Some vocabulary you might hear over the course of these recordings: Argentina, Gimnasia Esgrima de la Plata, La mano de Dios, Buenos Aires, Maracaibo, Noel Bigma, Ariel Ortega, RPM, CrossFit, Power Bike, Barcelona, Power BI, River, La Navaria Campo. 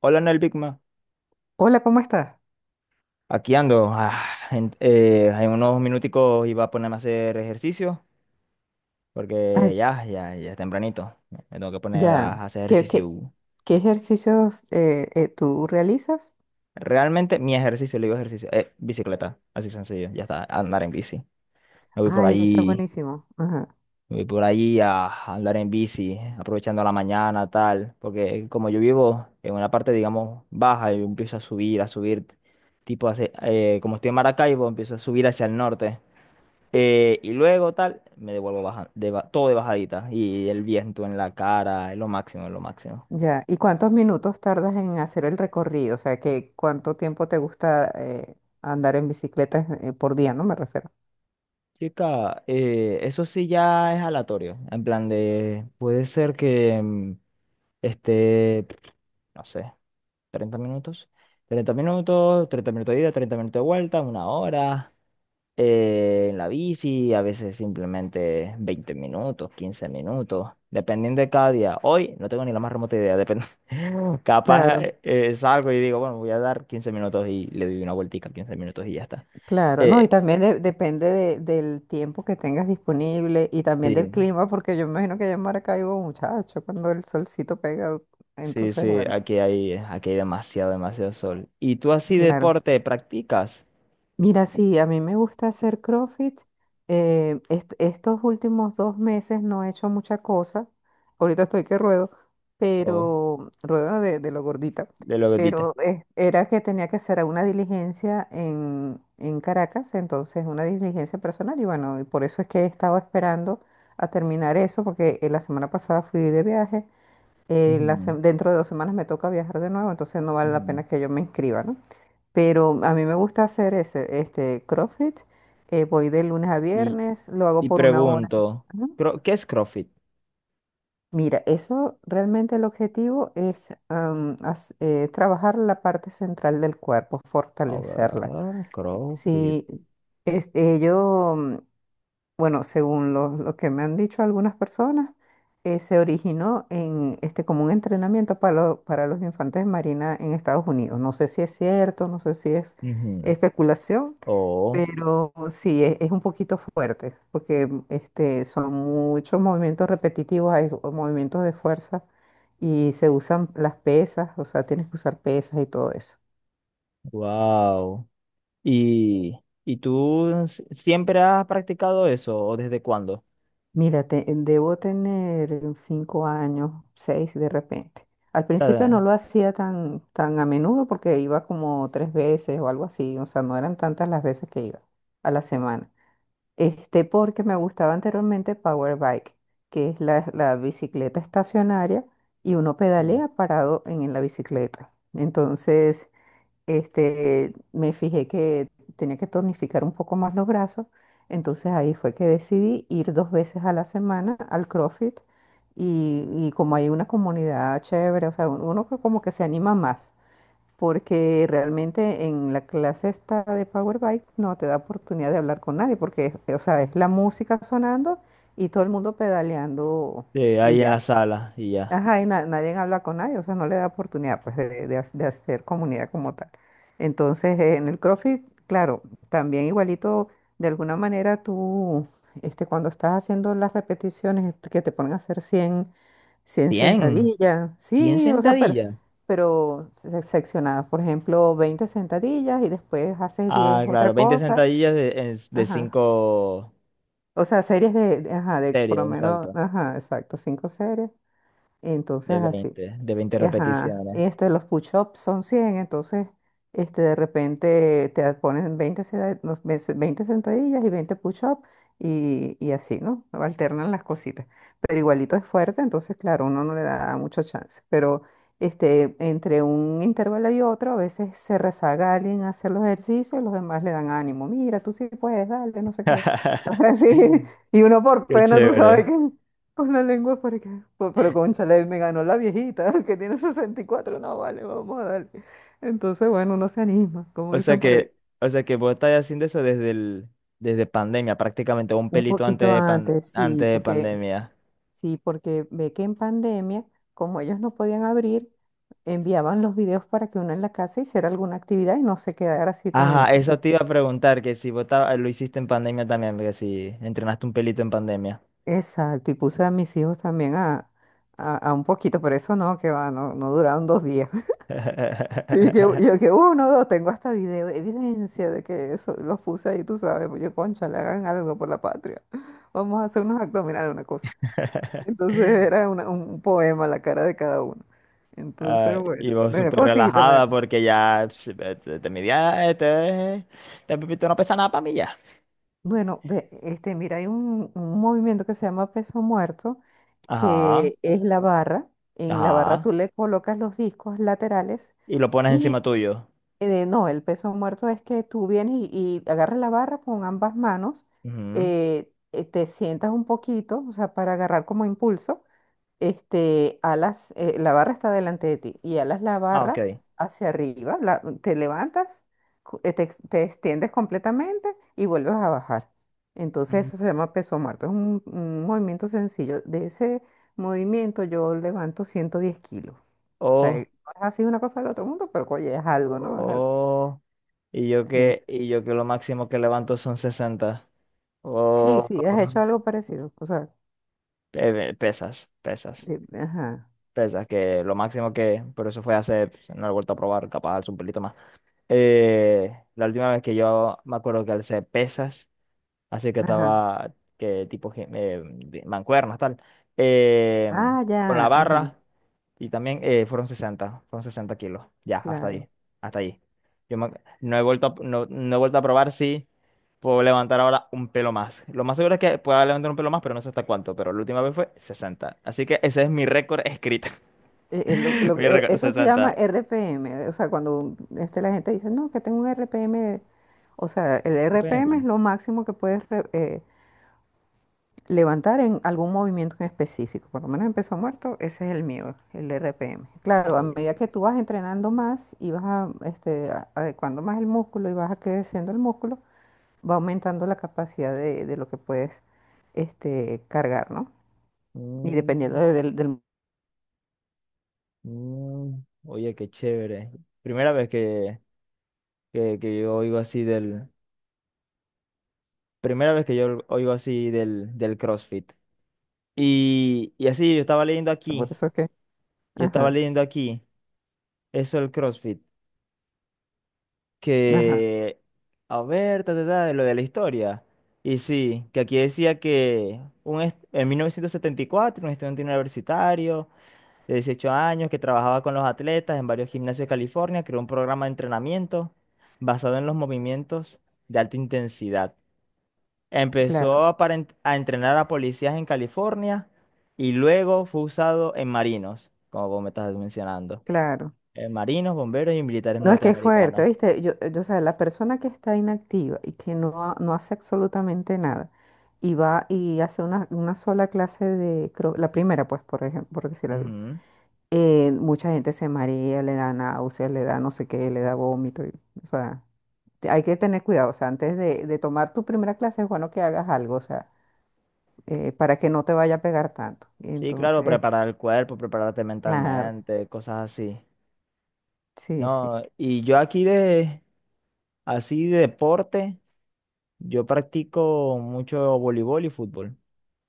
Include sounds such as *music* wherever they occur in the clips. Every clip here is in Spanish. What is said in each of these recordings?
Hola, Noel Bigma. Hola, ¿cómo estás? Aquí ando. En unos minuticos iba a ponerme a hacer ejercicio Ay, porque ya es tempranito. Me tengo que poner ya. a hacer ¿Qué, qué, ejercicio. qué ejercicios tú realizas? Realmente mi ejercicio, le digo ejercicio, es bicicleta. Así sencillo, ya está, andar en bici. Me voy por Ay, eso es ahí, buenísimo. Ajá, Me voy por ahí a andar en bici, aprovechando la mañana, tal. Porque como yo vivo en una parte, digamos, baja, yo empiezo a subir, a subir. Tipo, como estoy en Maracaibo, empiezo a subir hacia el norte. Y luego tal, me devuelvo baja, todo de bajadita. Y el viento en la cara, es lo máximo, es lo máximo. ya. ¿Y cuántos minutos tardas en hacer el recorrido? O sea, ¿qué cuánto tiempo te gusta andar en bicicleta por día, ¿no? Me refiero. Chica, eso sí ya es aleatorio. En plan de, puede ser que esté, no sé, 30 minutos. 30 minutos, 30 minutos de ida, 30 minutos de vuelta, una hora. En la bici, a veces simplemente 20 minutos, 15 minutos, dependiendo de cada día. Hoy no tengo ni la más remota idea, depende. *laughs* Capaz Claro, salgo y digo, bueno, voy a dar 15 minutos y le doy una vueltica, 15 minutos y ya está. claro. No, y Eh, también depende del tiempo que tengas disponible y sí, también del clima, porque yo imagino que allá en Maracaibo, muchacho, cuando el solcito pega, entonces, sí, bueno, aquí hay demasiado, demasiado sol. ¿Y tú así claro. deporte practicas? Mira, sí, a mí me gusta hacer CrossFit. Estos últimos 2 meses no he hecho mucha cosa. Ahorita estoy que ruedo, ¿O pero ruedo de lo gordita. de lo que dices? Pero era que tenía que hacer una diligencia en Caracas, entonces una diligencia personal. Y bueno, y por eso es que he estado esperando a terminar eso, porque la semana pasada fui de viaje. Ujú, Dentro de 2 semanas me toca viajar de nuevo, entonces no vale la ujú. pena que yo me inscriba, ¿no? Pero a mí me gusta hacer este CrossFit. Voy de lunes a Y, viernes, lo hago y por 1 hora. pregunto, Ajá. ¿Qué es CrossFit? Mira, eso realmente el objetivo es trabajar la parte central del cuerpo, A fortalecerla. ver, CrossFit. Si este, yo, bueno, según lo que me han dicho algunas personas, se originó en este como un entrenamiento para los infantes de marina en Estados Unidos. No sé si es cierto, no sé si es Ujú. especulación. Oh, Pero sí, es un poquito fuerte, porque este, son muchos movimientos repetitivos, movimientos de fuerza y se usan las pesas, o sea, tienes que usar pesas y todo eso. wow. ¿Y, y tú siempre has practicado eso o desde cuándo? Mira, debo tener 5 años, seis de repente. Al principio no Ah, lo hacía tan a menudo porque iba como tres veces o algo así, o sea, no eran tantas las veces que iba a la semana. Este, porque me gustaba anteriormente Power Bike, que es la bicicleta estacionaria y uno pedalea parado en la bicicleta. Entonces, este, me fijé que tenía que tonificar un poco más los brazos. Entonces ahí fue que decidí ir dos veces a la semana al CrossFit y como hay una comunidad chévere, o sea, uno que como que se anima más porque realmente en la clase esta de Power BI no te da oportunidad de hablar con nadie, porque, o sea, es la música sonando y todo el mundo pedaleando de y ahí en ya. la sala y ya. Ajá, y nadie habla con nadie, o sea, no le da oportunidad pues de hacer comunidad como tal. Entonces, en el CrossFit, claro, también igualito, de alguna manera tú, este, cuando estás haciendo las repeticiones que te ponen a hacer cien cien sentadillas, 100 sí, o sea, sentadillas. pero seccionadas, por ejemplo, 20 sentadillas y después haces 10 Ah, otra claro, veinte cosa, sentadillas de ajá. 5 O sea, series ajá, de series, por lo menos, exacto. ajá, exacto, cinco series, entonces De así. veinte de veinte Ajá, repeticiones. este, los push-ups son 100 entonces este, de repente te ponen 20 seda- los ves- 20 sentadillas y 20 push-ups y así, ¿no? Alternan las cositas. Pero igualito es fuerte, entonces claro, uno no le da mucho chance. Pero este, entre un intervalo y otro, a veces se rezaga alguien a hacer los ejercicios y los demás le dan ánimo. Mira, tú sí puedes, dale, no sé qué. *laughs* No sé si, *laughs* *laughs* y uno por Qué pena, tú sabes chévere. que... Con la lengua por acá. Pues, pero cónchale, me ganó la viejita, *laughs* que tiene 64. No, vale, vamos a darle. Entonces, bueno, uno se anima, como O sea dicen por ahí. que, o sea que vos estás haciendo eso desde pandemia, prácticamente un Un pelito poquito antes, antes de pandemia. sí, porque ve que en pandemia, como ellos no podían abrir, enviaban los videos para que uno en la casa hiciera alguna actividad y no se quedara así tan, Ajá, tú eso sabes. te iba a preguntar, que si vos lo hiciste en pandemia también, porque si entrenaste un pelito en pandemia. Exacto, y puse a mis hijos también a un poquito, pero eso no, que va, no, no duraron 2 días. Y que, yo *laughs* que uno, dos, tengo hasta video, evidencia de que eso los puse ahí, tú sabes, pues yo, concha, le hagan algo por la patria. Vamos a hacer unos abdominales, una cosa. Entonces era un poema la cara de cada uno. Entonces, Ah, bueno, y vos me dio súper cosita. me- relajada porque ya pss, te midía, te pipito no pesa nada para mí ya. Bueno, ve, este, mira, hay un movimiento que se llama peso muerto, que Ajá, es la barra. En la barra ajá. tú le colocas los discos laterales. Y lo pones encima y tuyo. Eh, no, el peso muerto es que tú vienes y agarras la barra con ambas manos, Ujú. Te sientas un poquito, o sea, para agarrar como impulso, este, alas, la barra está delante de ti y alas la Ah, ok. barra hacia arriba, te levantas, te extiendes completamente y vuelves a bajar. Entonces Ujú. eso se llama peso muerto, es un movimiento sencillo. De ese movimiento yo levanto 110 kilos. O sea, Oh, no es así una cosa del otro mundo, pero oye, es algo, ¿no? Es algo. oh. Sí, Y yo que lo máximo que levanto son 60. sí, Oh, sí, has hecho algo parecido. O sea, pesas, pesas. Ajá, Pesas, que lo máximo que, pero eso fue hace, pues, no lo he vuelto a probar, capaz alzo un pelito más. La última vez que yo me acuerdo que alcé pesas, así que ajá. estaba, que tipo, mancuernas, tal, eh, Ah, con la ya, barra, ajá, y también fueron 60 kilos, ya, hasta claro. ahí, hasta ahí. Yo me- no he vuelto a, no he vuelto a probar si puedo levantar ahora un pelo más. Lo más seguro es que pueda levantar un pelo más, pero no sé hasta cuánto, pero la última vez fue 60. Así que ese es mi récord escrito. Mi Eso recompensa se llama santa. RPM. O sea, cuando este, la gente dice, no, que tengo un RPM. O sea, el RPM es RPM. lo máximo que puedes levantar en algún movimiento en específico. Por lo menos en peso muerto, ese es el mío, el RPM. Claro, a medida Eh, que tú vas entrenando más y vas a, este, adecuando más el músculo y vas creciendo el músculo, va aumentando la capacidad de lo que puedes este, cargar, ¿no? Y dependiendo mm, del... oye, qué chévere. Primera vez que yo oigo así del. Primera vez que yo oigo así del CrossFit. Y así, yo estaba leyendo Por aquí. eso es que... Yo estaba Ajá, leyendo aquí. Eso del CrossFit. ajá, Que. A ver, ta, ta, ta, de lo de la historia. Y sí, que aquí decía que en 1974, un estudiante universitario de 18 años que trabajaba con los atletas en varios gimnasios de California, creó un programa de entrenamiento basado en los movimientos de alta intensidad. Empezó claro, a, a entrenar a policías en California y luego fue usado en marinos, como vos me estás mencionando. claro. En marinos, bomberos y militares No, es que es fuerte, norteamericanos. ¿viste? Yo, o sea, la persona que está inactiva y que no, no hace absolutamente nada y va y hace una sola clase de... la primera, pues, por ejemplo, por decir algo. Ujú. Mucha gente se marea, le da náuseas, le da no sé qué, le da vómito, o sea... hay que tener cuidado, o sea, antes de tomar tu primera clase es bueno que hagas algo, o sea, para que no te vaya a pegar tanto. Sí, claro, Entonces, preparar el cuerpo, prepararte claro, mentalmente, cosas así. sí, sí. No, y yo aquí de, así de deporte. Yo practico mucho voleibol y fútbol.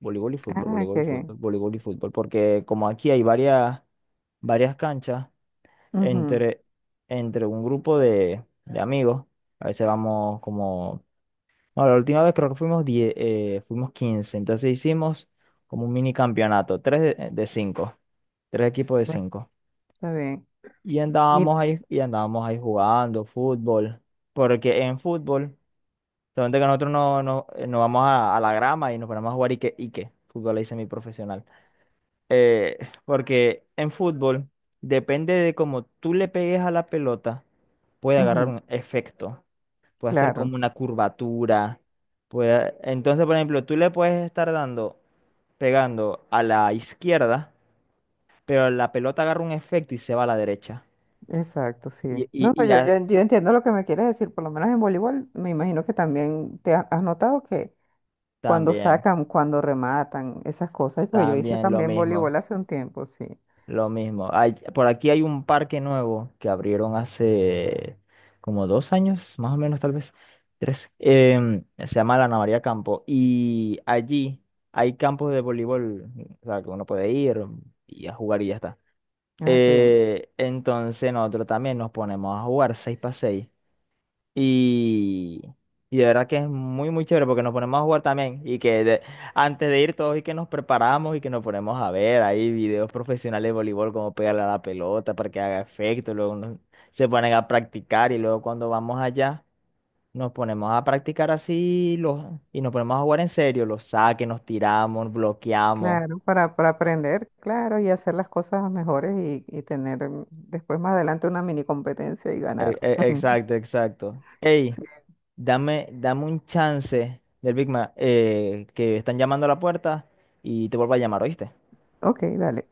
Voleibol y Ah, qué bien. fútbol, voleibol y fútbol. Porque como aquí hay varias canchas Ujú, entre, entre un grupo de amigos, a veces vamos como... No, la última vez creo que fuimos diez, fuimos quince. Entonces hicimos como un mini campeonato, tres de cinco, tres equipos de bueno, cinco. está bien. Mi- Y andábamos ahí jugando fútbol. Porque en fútbol... Solamente que nosotros no, no, nos vamos a la grama y nos ponemos a jugar Ike, Ike, fútbol ahí semiprofesional. Eh, Porque en fútbol depende de cómo tú le pegues a la pelota, puede agarrar ujú, un efecto, puede hacer como claro, una curvatura. Puede... Entonces, por ejemplo, tú le puedes estar dando, pegando a la izquierda, pero la pelota agarra un efecto y se va a la derecha. exacto, sí. Y, y, No, no, y yo, a- yo, yo entiendo lo que me quieres decir, por lo menos en voleibol, me imagino que también te has notado que cuando también, sacan, cuando rematan, esas cosas, porque yo hice también lo también voleibol mismo. hace un tiempo, sí. Lo mismo. Hay- por aquí hay un parque nuevo que abrieron hace como 2 años, más o menos, tal vez, tres. Em, se llama La Navaria Campo. Y allí hay campos de voleibol, o sea, que uno puede ir y a jugar y ya está. Ah, qué bien. Entonces nosotros también nos ponemos a jugar seis para seis y, y de verdad que es muy, muy chévere porque nos ponemos a jugar también. Antes de ir todos y que nos preparamos y que nos ponemos a ver ahí videos profesionales de voleibol, cómo pegarle a la pelota para que haga efecto. Se ponen a practicar y luego cuando vamos allá nos ponemos a practicar y nos ponemos a jugar en serio. Los saques, nos tiramos, bloqueamos. Claro, para aprender, claro, y hacer las cosas mejores y tener después más adelante una mini competencia y ganar. *laughs* Exacto, exacto. Ey. Sí. Dame un chance del Big Mac, que están llamando a la puerta y te vuelvo a llamar, ¿oíste? Ok, dale.